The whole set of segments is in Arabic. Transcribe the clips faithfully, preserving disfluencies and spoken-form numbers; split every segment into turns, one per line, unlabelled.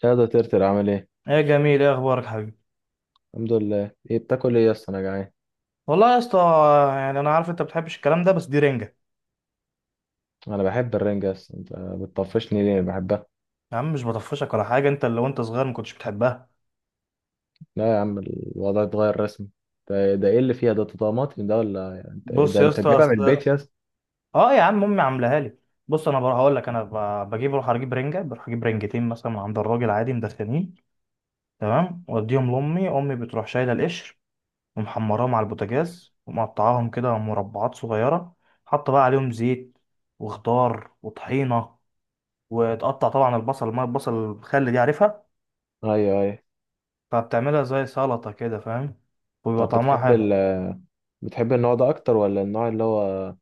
شادو ترتر عامل ايه؟
ايه جميل، ايه اخبارك حبيبي؟
الحمد لله. ايه بتاكل ايه يا اسطى؟ انا جعان.
والله يا اسطى. يعني انا عارف انت بتحبش الكلام ده بس دي رنجه.
انا بحب الرنجة يا اسطى، انت بتطفشني ليه؟ بحبها.
يا عم مش بطفشك ولا حاجه، انت اللي وانت صغير ما كنتش بتحبها.
لا يا عم الوضع اتغير رسمي. ده, ده ايه اللي فيها؟ ده طماطم ده؟ ولا انت
بص
ده
يا
انت
اسطى
جايبها من
اصل،
البيت يا اسطى؟
اه يا عم امي عاملاها لي. بص انا بروح هقول لك انا ب- بجيب اروح اجيب رنجه، بروح اجيب رنجتين مثلا من عند الراجل عادي مدخنين. تمام واديهم لامي، امي بتروح شايله القشر ومحمراهم على البوتاجاز ومقطعاهم كده مربعات صغيره، حاطه بقى عليهم زيت وخضار وطحينه، وتقطع طبعا البصل، ما البصل الخل دي عارفها.
ايوه ايوه.
فبتعملها زي سلطة كده فاهم، ويبقى
طب
طعمها
بتحب
حلو.
ال بتحب النوع ده اكتر ولا النوع اللي هو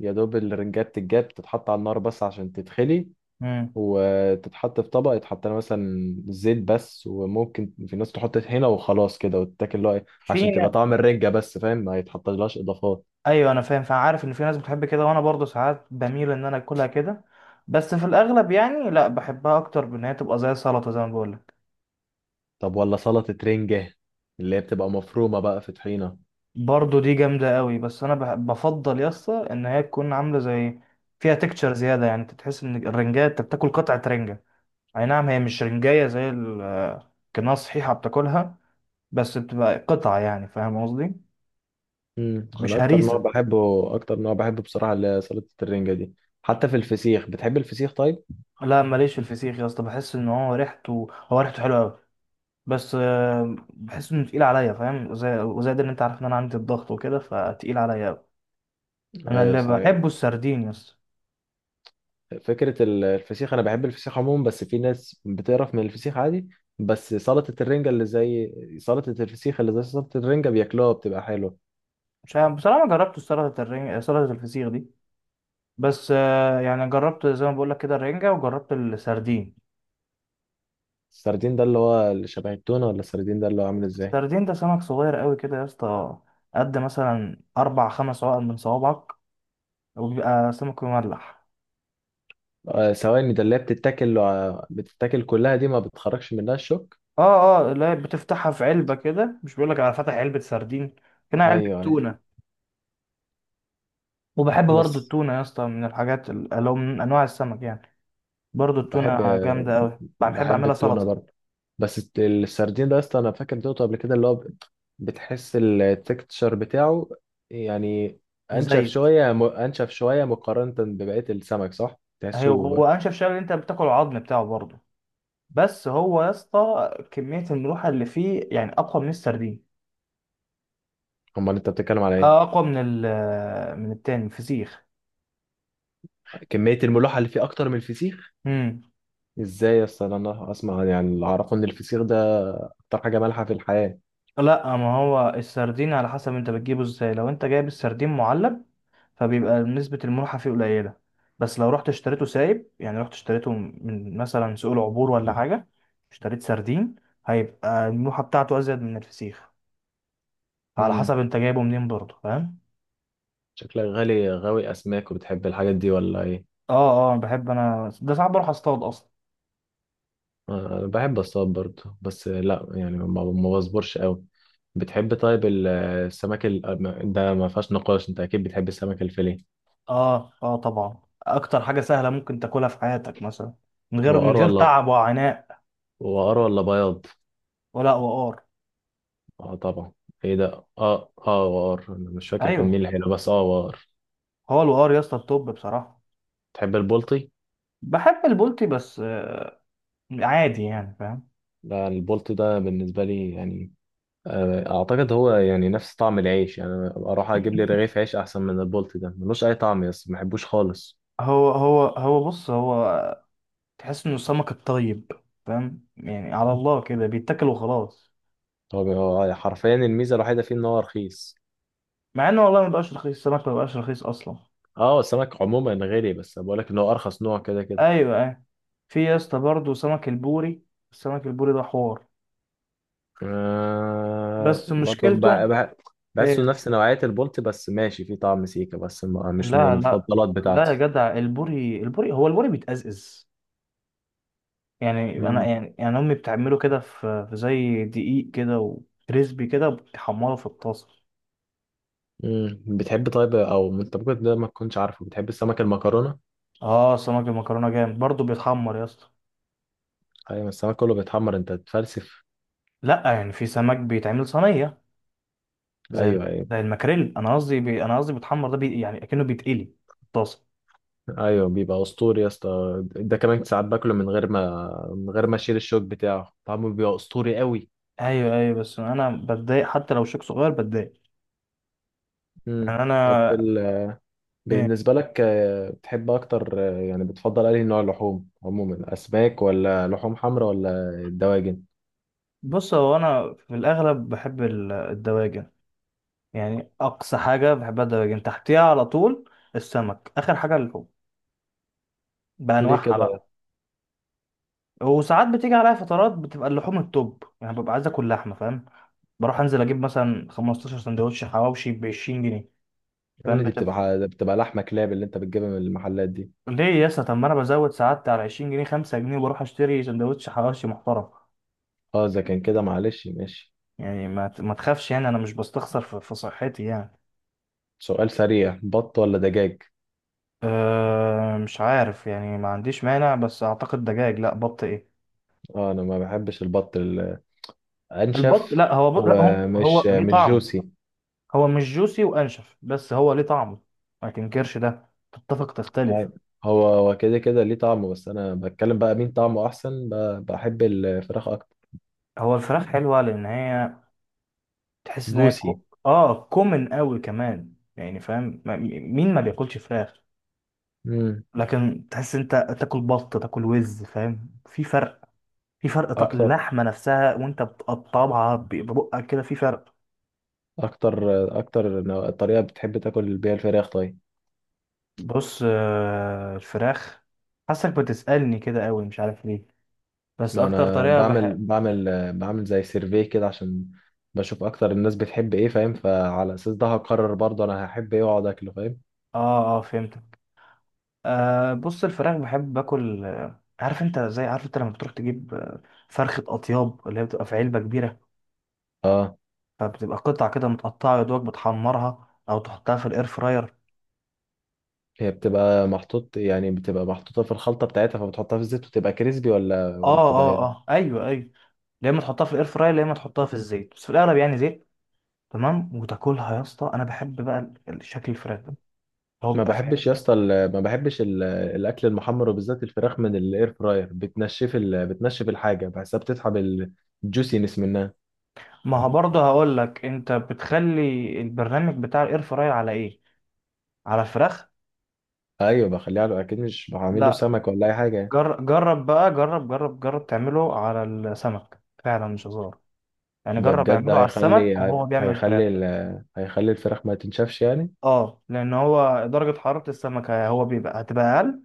يا دوب الرنجات تتجاب تتحط على النار بس عشان تتخلي،
امم
وتتحط في طبق يتحط لها مثلا زيت بس، وممكن في ناس تحط طحينه وخلاص كده وتتاكل اللي هو إيه،
في
عشان تبقى
ن-
طعم الرنجه بس، فاهم؟ ما يتحطلهاش اضافات.
ايوه انا فاهم، فعارف ان في ناس بتحب كده، وانا برضو ساعات بميل ان انا اكلها كده، بس في الاغلب يعني لا، بحبها اكتر بان هي تبقى زي سلطة زي ما بقولك.
طب ولا سلطه رنجه اللي هي بتبقى مفرومه بقى في طحينه؟
برضو دي جامدة قوي بس انا بح- بفضل يا اسطى ان هي تكون عاملة زي، فيها تكتشر زيادة، يعني انت تحس ان الرنجاية، انت بتاكل قطعة رنجة. اي نعم هي مش رنجاية زي الكناس صحيحة بتاكلها، بس بتبقى قطعة، يعني فاهم قصدي.
امم،
مش
انا اكتر نوع
هريسة.
بحبه، اكتر نوع بحبه بصراحه اللي هي سلطه الرنجه دي. حتى في الفسيخ، بتحب الفسيخ طيب؟
لا ماليش في الفسيخ يا اسطى، بحس ان هو ريحته، هو ريحته حلوه قوي، بس آه، بحس انه تقيل عليا فاهم، زي وزائد ان انت عارف ان انا عندي الضغط وكده، فتقيل عليا قوي. انا
ايوه
اللي
صحيح.
بحبه السردين يا اسطى.
فكره ال- الفسيخ انا بحب الفسيخ عموما، بس في ناس بتقرف من الفسيخ عادي. بس سلطه الرنجه اللي زي سلطه الفسيخ اللي زي سلطه الرنجه بياكلوها بتبقى حلوه.
مش عارف بصراحه، ما جربت سلطه الرنجة سلطه الفسيخ دي، بس آه، يعني جربت زي ما بقول لك كده الرنجة، وجربت السردين.
السردين ده اللي هو اللي شبه التونة، ولا السردين ده اللي هو عامل ازاي؟
السردين ده سمك صغير قوي كده يا اسطى، قد مثلا اربع خمس عقل من صوابعك، وبيبقى سمك مملح.
آه ثواني، ده اللي هي بتتاكل آه، بتتاكل كلها دي؟ ما بتخرجش منها الشوك؟
اه اه لا، بتفتحها في علبة كده، مش بيقولك على فتح علبة سردين، هنا
ايوه
علبة
ايوه.
تونة. وبحب برضو
بس
التونة يا اسطى، من الحاجات ال- اللي هو من أنواع السمك يعني. برضو
بحب
التونة جامدة أوي، بحب
بحب
أعملها
التونة
سلطة
برضه. بس الت- السردين ده اصلا انا فاكر دوته قبل كده اللي هو ب- بتحس التكتشر بتاعه، يعني انشف
مزيت.
شوية م- انشف شوية مقارنة ببقية السمك، صح
هي
تحسه؟
هو أنشف شغل، أنت بتاكل العظم بتاعه برضو، بس هو يا اسطى كمية الملوحة اللي فيه يعني أقوى من السردين.
امال انت بتتكلم على
اه
ايه؟
أقوى من ال من التاني الفسيخ.
كمية الملوحة اللي فيه اكتر من الفسيخ؟
مم.
ازاي يا اسطى؟ انا اسمع يعني اللي اعرفه ان الفسيخ ده اكتر حاجه مالحه في الحياه.
لا ما هو السردين على حسب أنت بتجيبه ازاي. لو أنت جايب السردين معلب فبيبقى نسبة الملوحة فيه قليلة، بس لو رحت اشتريته سايب يعني رحت اشتريته من مثلا سوق العبور ولا حاجة، اشتريت سردين، هيبقى الملوحة بتاعته أزيد من الفسيخ، على
امم،
حسب انت جايبه منين برضه فاهم.
شكلك غالي غاوي اسماك وبتحب الحاجات دي ولا ايه؟
اه اه بحب انا ده، ساعات بروح اصطاد اصلا.
آه، انا بحب اصطاد برضه، بس لا يعني ما ما بصبرش قوي. بتحب طيب ال- السمك ال... ده ما فيهاش نقاش، انت اكيد بتحب السمك الفيليه.
اه اه طبعا، اكتر حاجة سهلة ممكن تاكلها في حياتك مثلا، من غير من
وقار
غير
ولا
تعب وعناء.
وقار ولا بياض؟
ولا وقار.
اه طبعا. ايه ده، اه اه وقار، انا مش فاكر كان مين
ايوه،
اللي حلو بس اه وقار.
هو الوقار يا اسطى التوب بصراحة.
تحب البلطي؟
بحب البولتي بس آه، عادي يعني فاهم.
لا البلطي ده بالنسبه لي يعني آه، اعتقد هو يعني نفس طعم العيش، يعني أنا اروح اجيب لي رغيف عيش احسن من البولت ده، ملوش اي طعم يس ما بحبوش خالص.
هو هو هو بص، هو تحس انه السمك الطيب فاهم، يعني على الله كده بيتاكل وخلاص.
هو بي- هو حرفيا الميزه الوحيده فيه ان هو رخيص.
مع انه والله ما بقاش رخيص، السمك ما بقاش رخيص اصلا.
اه السمك عموما غالي، بس بقول لك ان هو ارخص نوع كده كده.
ايوه ايوه. في يا اسطى برضه سمك البوري، السمك البوري ده حوار
آه
بس
برضه
مشكلته
بع- بع- بحسه
ايه.
نفس نوعيه البولت، بس ماشي فيه طعم سيكا، بس ما- مش من
لا لا
المفضلات
لا يا
بتاعتي.
جدع، البوري، البوري، هو البوري بيتأزأز. يعني انا
مم.
يعني يعني امي بتعمله كده في في زي دقيق كده وكريسبي كده، وبتحمره في الطاسه.
مم. بتحب طيب، او انت ممكن ده ما تكونش عارفه، بتحب السمك المكرونه؟
اه سمك المكرونه جامد برضه بيتحمر يا اسطى.
ايوه السمك كله بيتحمر، انت تفلسف.
لا يعني في سمك بيتعمل صينيه، زي الم-
ايوه ايوه،
زي الماكريل. انا قصدي بي... انا قصدي بيتحمر ده بي... يعني اكنه بيتقلي في الطاسه.
ايوه بيبقى اسطوري يا اسطى، ده كمان ساعات باكله من غير ما من غير ما اشيل الشوك بتاعه، طعمه بيبقى اسطوري قوي.
ايوه ايوه، بس انا بتضايق حتى لو شيك صغير بتضايق،
امم،
يعني
طب في
انا
ال...
إيه،
بالنسبه لك آه، بتحب اكتر آه، يعني بتفضل انهي نوع لحوم عموما؟ اسماك ولا لحوم حمراء ولا الدواجن؟
بص هو انا في الاغلب بحب ال- الدواجن. يعني اقصى حاجه بحبها الدواجن، تحتيها على طول السمك، اخر حاجه اللحوم
ليه
بانواعها
كده؟
بقى. وساعات بتيجي عليا فترات بتبقى اللحوم التوب، يعني ببقى عايز اكل لحمه فاهم. بروح انزل اجيب مثلا خمسة عشر سندوتش حواوشي ب عشرين جنيه
الحمام
فاهم.
دي بتبقى بتبقى لحمه كلاب اللي انت بتجيبها من المحلات دي؟
ليه يا اسطى؟ طب ما انا بزود سعادتي على عشرين جنيه خمسة جنيه، وبروح اشتري سندوتش حواوشي محترم.
اه اذا كان كده معلش ماشي.
يعني ما ت- ما تخافش، يعني انا مش بستخسر في في صحتي يعني.
سؤال سريع، بط ولا دجاج؟
أه مش عارف يعني، ما عنديش مانع، بس اعتقد دجاج، لا بط ايه؟
اه انا ما بحبش البط ال-
البط
انشف
لا هو بط لا هو،
ومش
هو ليه
مش
طعم،
جوسي.
هو مش جوسي وانشف بس هو ليه طعم، ما تنكرش ده، تتفق تختلف.
أيوة. هو هو كده كده ليه طعمه، بس انا بتكلم بقى مين طعمه احسن، ب- بحب الفراخ اكتر.
هو الفراخ حلوة لان هي تحس ان هي
جوسي.
كو... اه كومن قوي كمان، يعني فاهم، ما- مين ما بياكلش فراخ.
امم،
لكن تحس انت تاكل بط تاكل وز فاهم، في فرق، في فرق ط-
اكتر
اللحمه نفسها وانت بتقطعها ب- ببقك كده في فرق.
اكتر اكتر نوع، الطريقه بتحب تاكل بيها الفراخ طيب؟
بص آه، الفراخ، حاسك بتسألني كده قوي مش عارف ليه، بس
ما
اكتر
انا
طريقه بح
بعمل
اه.
بعمل بعمل زي سيرفي كده عشان بشوف اكتر الناس بتحب ايه، فاهم؟ فعلى اساس ده هقرر برضه انا هحب ايه واقعد اكله، فاهم؟
اه فهمتك. آه بص، الفراخ بحب باكل آه، عارف انت زي، عارف انت لما بتروح تجيب آه، فرخه اطياب، اللي هي بتبقى في علبه كبيره،
اه.
فبتبقى قطع كده متقطعه، يا دوبك بتحمرها او تحطها في الاير فراير.
هي بتبقى محطوط، يعني بتبقى محطوطه في الخلطه بتاعتها، فبتحطها في الزيت وتبقى كريسبي ولا
اه
ولا بتبقى؟
اه اه ايوه ايوه، يا اما تحطها في الاير فراير يا اما تحطها في الزيت، بس في الاغلب يعني زيت. تمام وتاكلها يا اسطى، انا بحب بقى ال- ال- شكل الفراخ ده، هو
ما
بيبقى فاهم.
بحبش يا اسطى ال- ما بحبش ال- الاكل المحمر، وبالذات الفراخ من الاير فراير، بتنشف ال... بتنشف الحاجه، بحسها بتسحب الجوسينس منها.
ما هو برضه هقول لك، انت بتخلي البرنامج بتاع الاير فراير على ايه؟ على الفراخ.
ايوه بخليه على، اكيد مش بعمل له
لا
سمك ولا اي حاجه.
جر... جرب بقى، جرب جرب جرب تعمله على السمك، فعلا مش هزار، يعني
ده
جرب
بجد
اعمله على
هيخلي،
السمك وهو بيعمل فراخ.
هيخلي ال... هيخلي الفراخ ما تنشفش يعني؟
اه لان هو درجة حرارة السمك، هو بيبقى هتبقى اقل،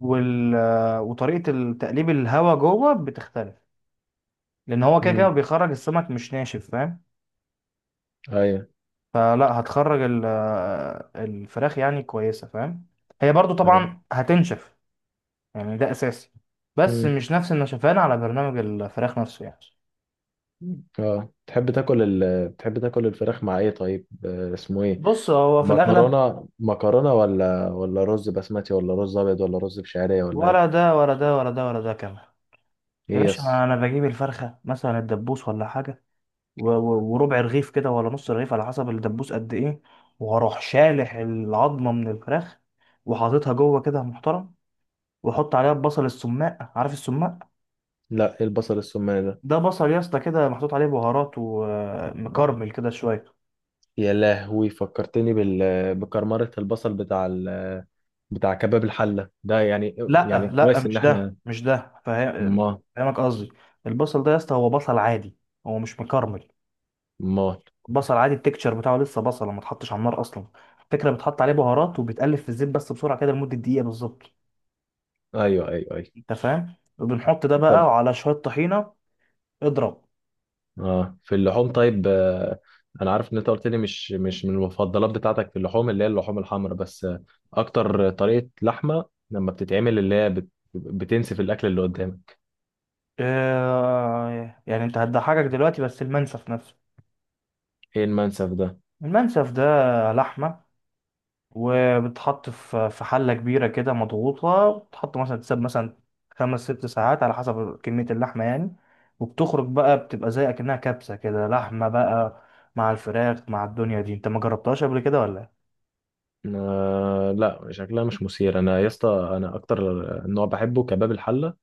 وال... وطريقة تقليب الهواء جوه بتختلف، لأن هو كده كده
امم،
بيخرج السمك مش ناشف فاهم.
ايوه
فلا هتخرج ال... الفراخ يعني كويسة فاهم، هي برضو
ايوه.
طبعا هتنشف يعني، ده أساسي، بس
امم،
مش نفس النشفان على برنامج الفراخ نفسه يعني.
اه تحب تاكل ال... بتحب تاكل الفراخ مع ايه طيب آه، اسمه ايه؟
بص هو في الأغلب،
مكرونه مكرونه ولا ولا رز بسمتي ولا رز ابيض ولا رز بشعريه ولا ايه؟
ولا ده ولا ده ولا ده ولا ده كمان. يا
ايه
باشا،
يس.
أنا بجيب الفرخة مثلا الدبوس ولا حاجة، و- و- وربع رغيف كده ولا نص رغيف على حسب الدبوس قد ايه، وهروح شالح العظمه من الفراخ، وحاططها جوه كده محترم، واحط عليها البصل السماق، عارف السماق؟
لا إيه البصل السمان ده؟
ده بصل يا اسطى كده محطوط عليه بهارات ومكرمل كده شويه.
يا لهوي فكرتني بال... بكرمرة البصل بتاع ال... بتاع كباب الحلة ده يعني. يعني
لا لا
كويس ان
مش ده
احنا
مش ده فاهم-
ما
فاهمك قصدي. البصل ده يا اسطى هو بصل عادي، هو مش مكرمل،
ما
بصل عادي، التكتشر بتاعه لسه بصل ما اتحطش على النار اصلا. الفكره بتحط عليه بهارات وبيتقلب في الزيت بس بسرعه كده لمده دقيقه بالظبط،
ايوه ايوه ايوه.
انت فاهم، وبنحط ده بقى
طب
وعلى شويه طحينه اضرب.
اه في اللحوم طيب آه، انا عارف ان انت قلت لي مش مش من المفضلات بتاعتك في اللحوم اللي هي اللحوم الحمراء، بس آه، اكتر طريقة لحمة لما بتتعمل اللي هي بت... بتنسف الاكل اللي قدامك؟
آه، يعني انت هتضحكك دلوقتي بس المنسف نفسه.
ايه المنسف ده؟
المنسف ده لحمه، وبتحط في في حله كبيره كده مضغوطه، بتحط مثلا تساب مثلا خمس ست ساعات على حسب كميه اللحمه يعني، وبتخرج بقى بتبقى زي اكنها كبسه كده لحمه بقى، مع الفراخ مع الدنيا دي. انت ما جربتهاش قبل كده ولا إيه؟
آه لا شكلها مش مثير انا يا اسطى، انا اكتر نوع بحبه كباب الحلة.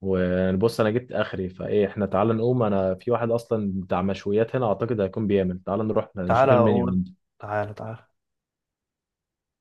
وبص انا جبت اخري، فايه احنا تعالى نقوم، انا في واحد اصلا بتاع مشويات هنا اعتقد هيكون بيعمل، تعالى نروح
تعالى
نشوف
اقول،
المنيو.
تعالى تعالى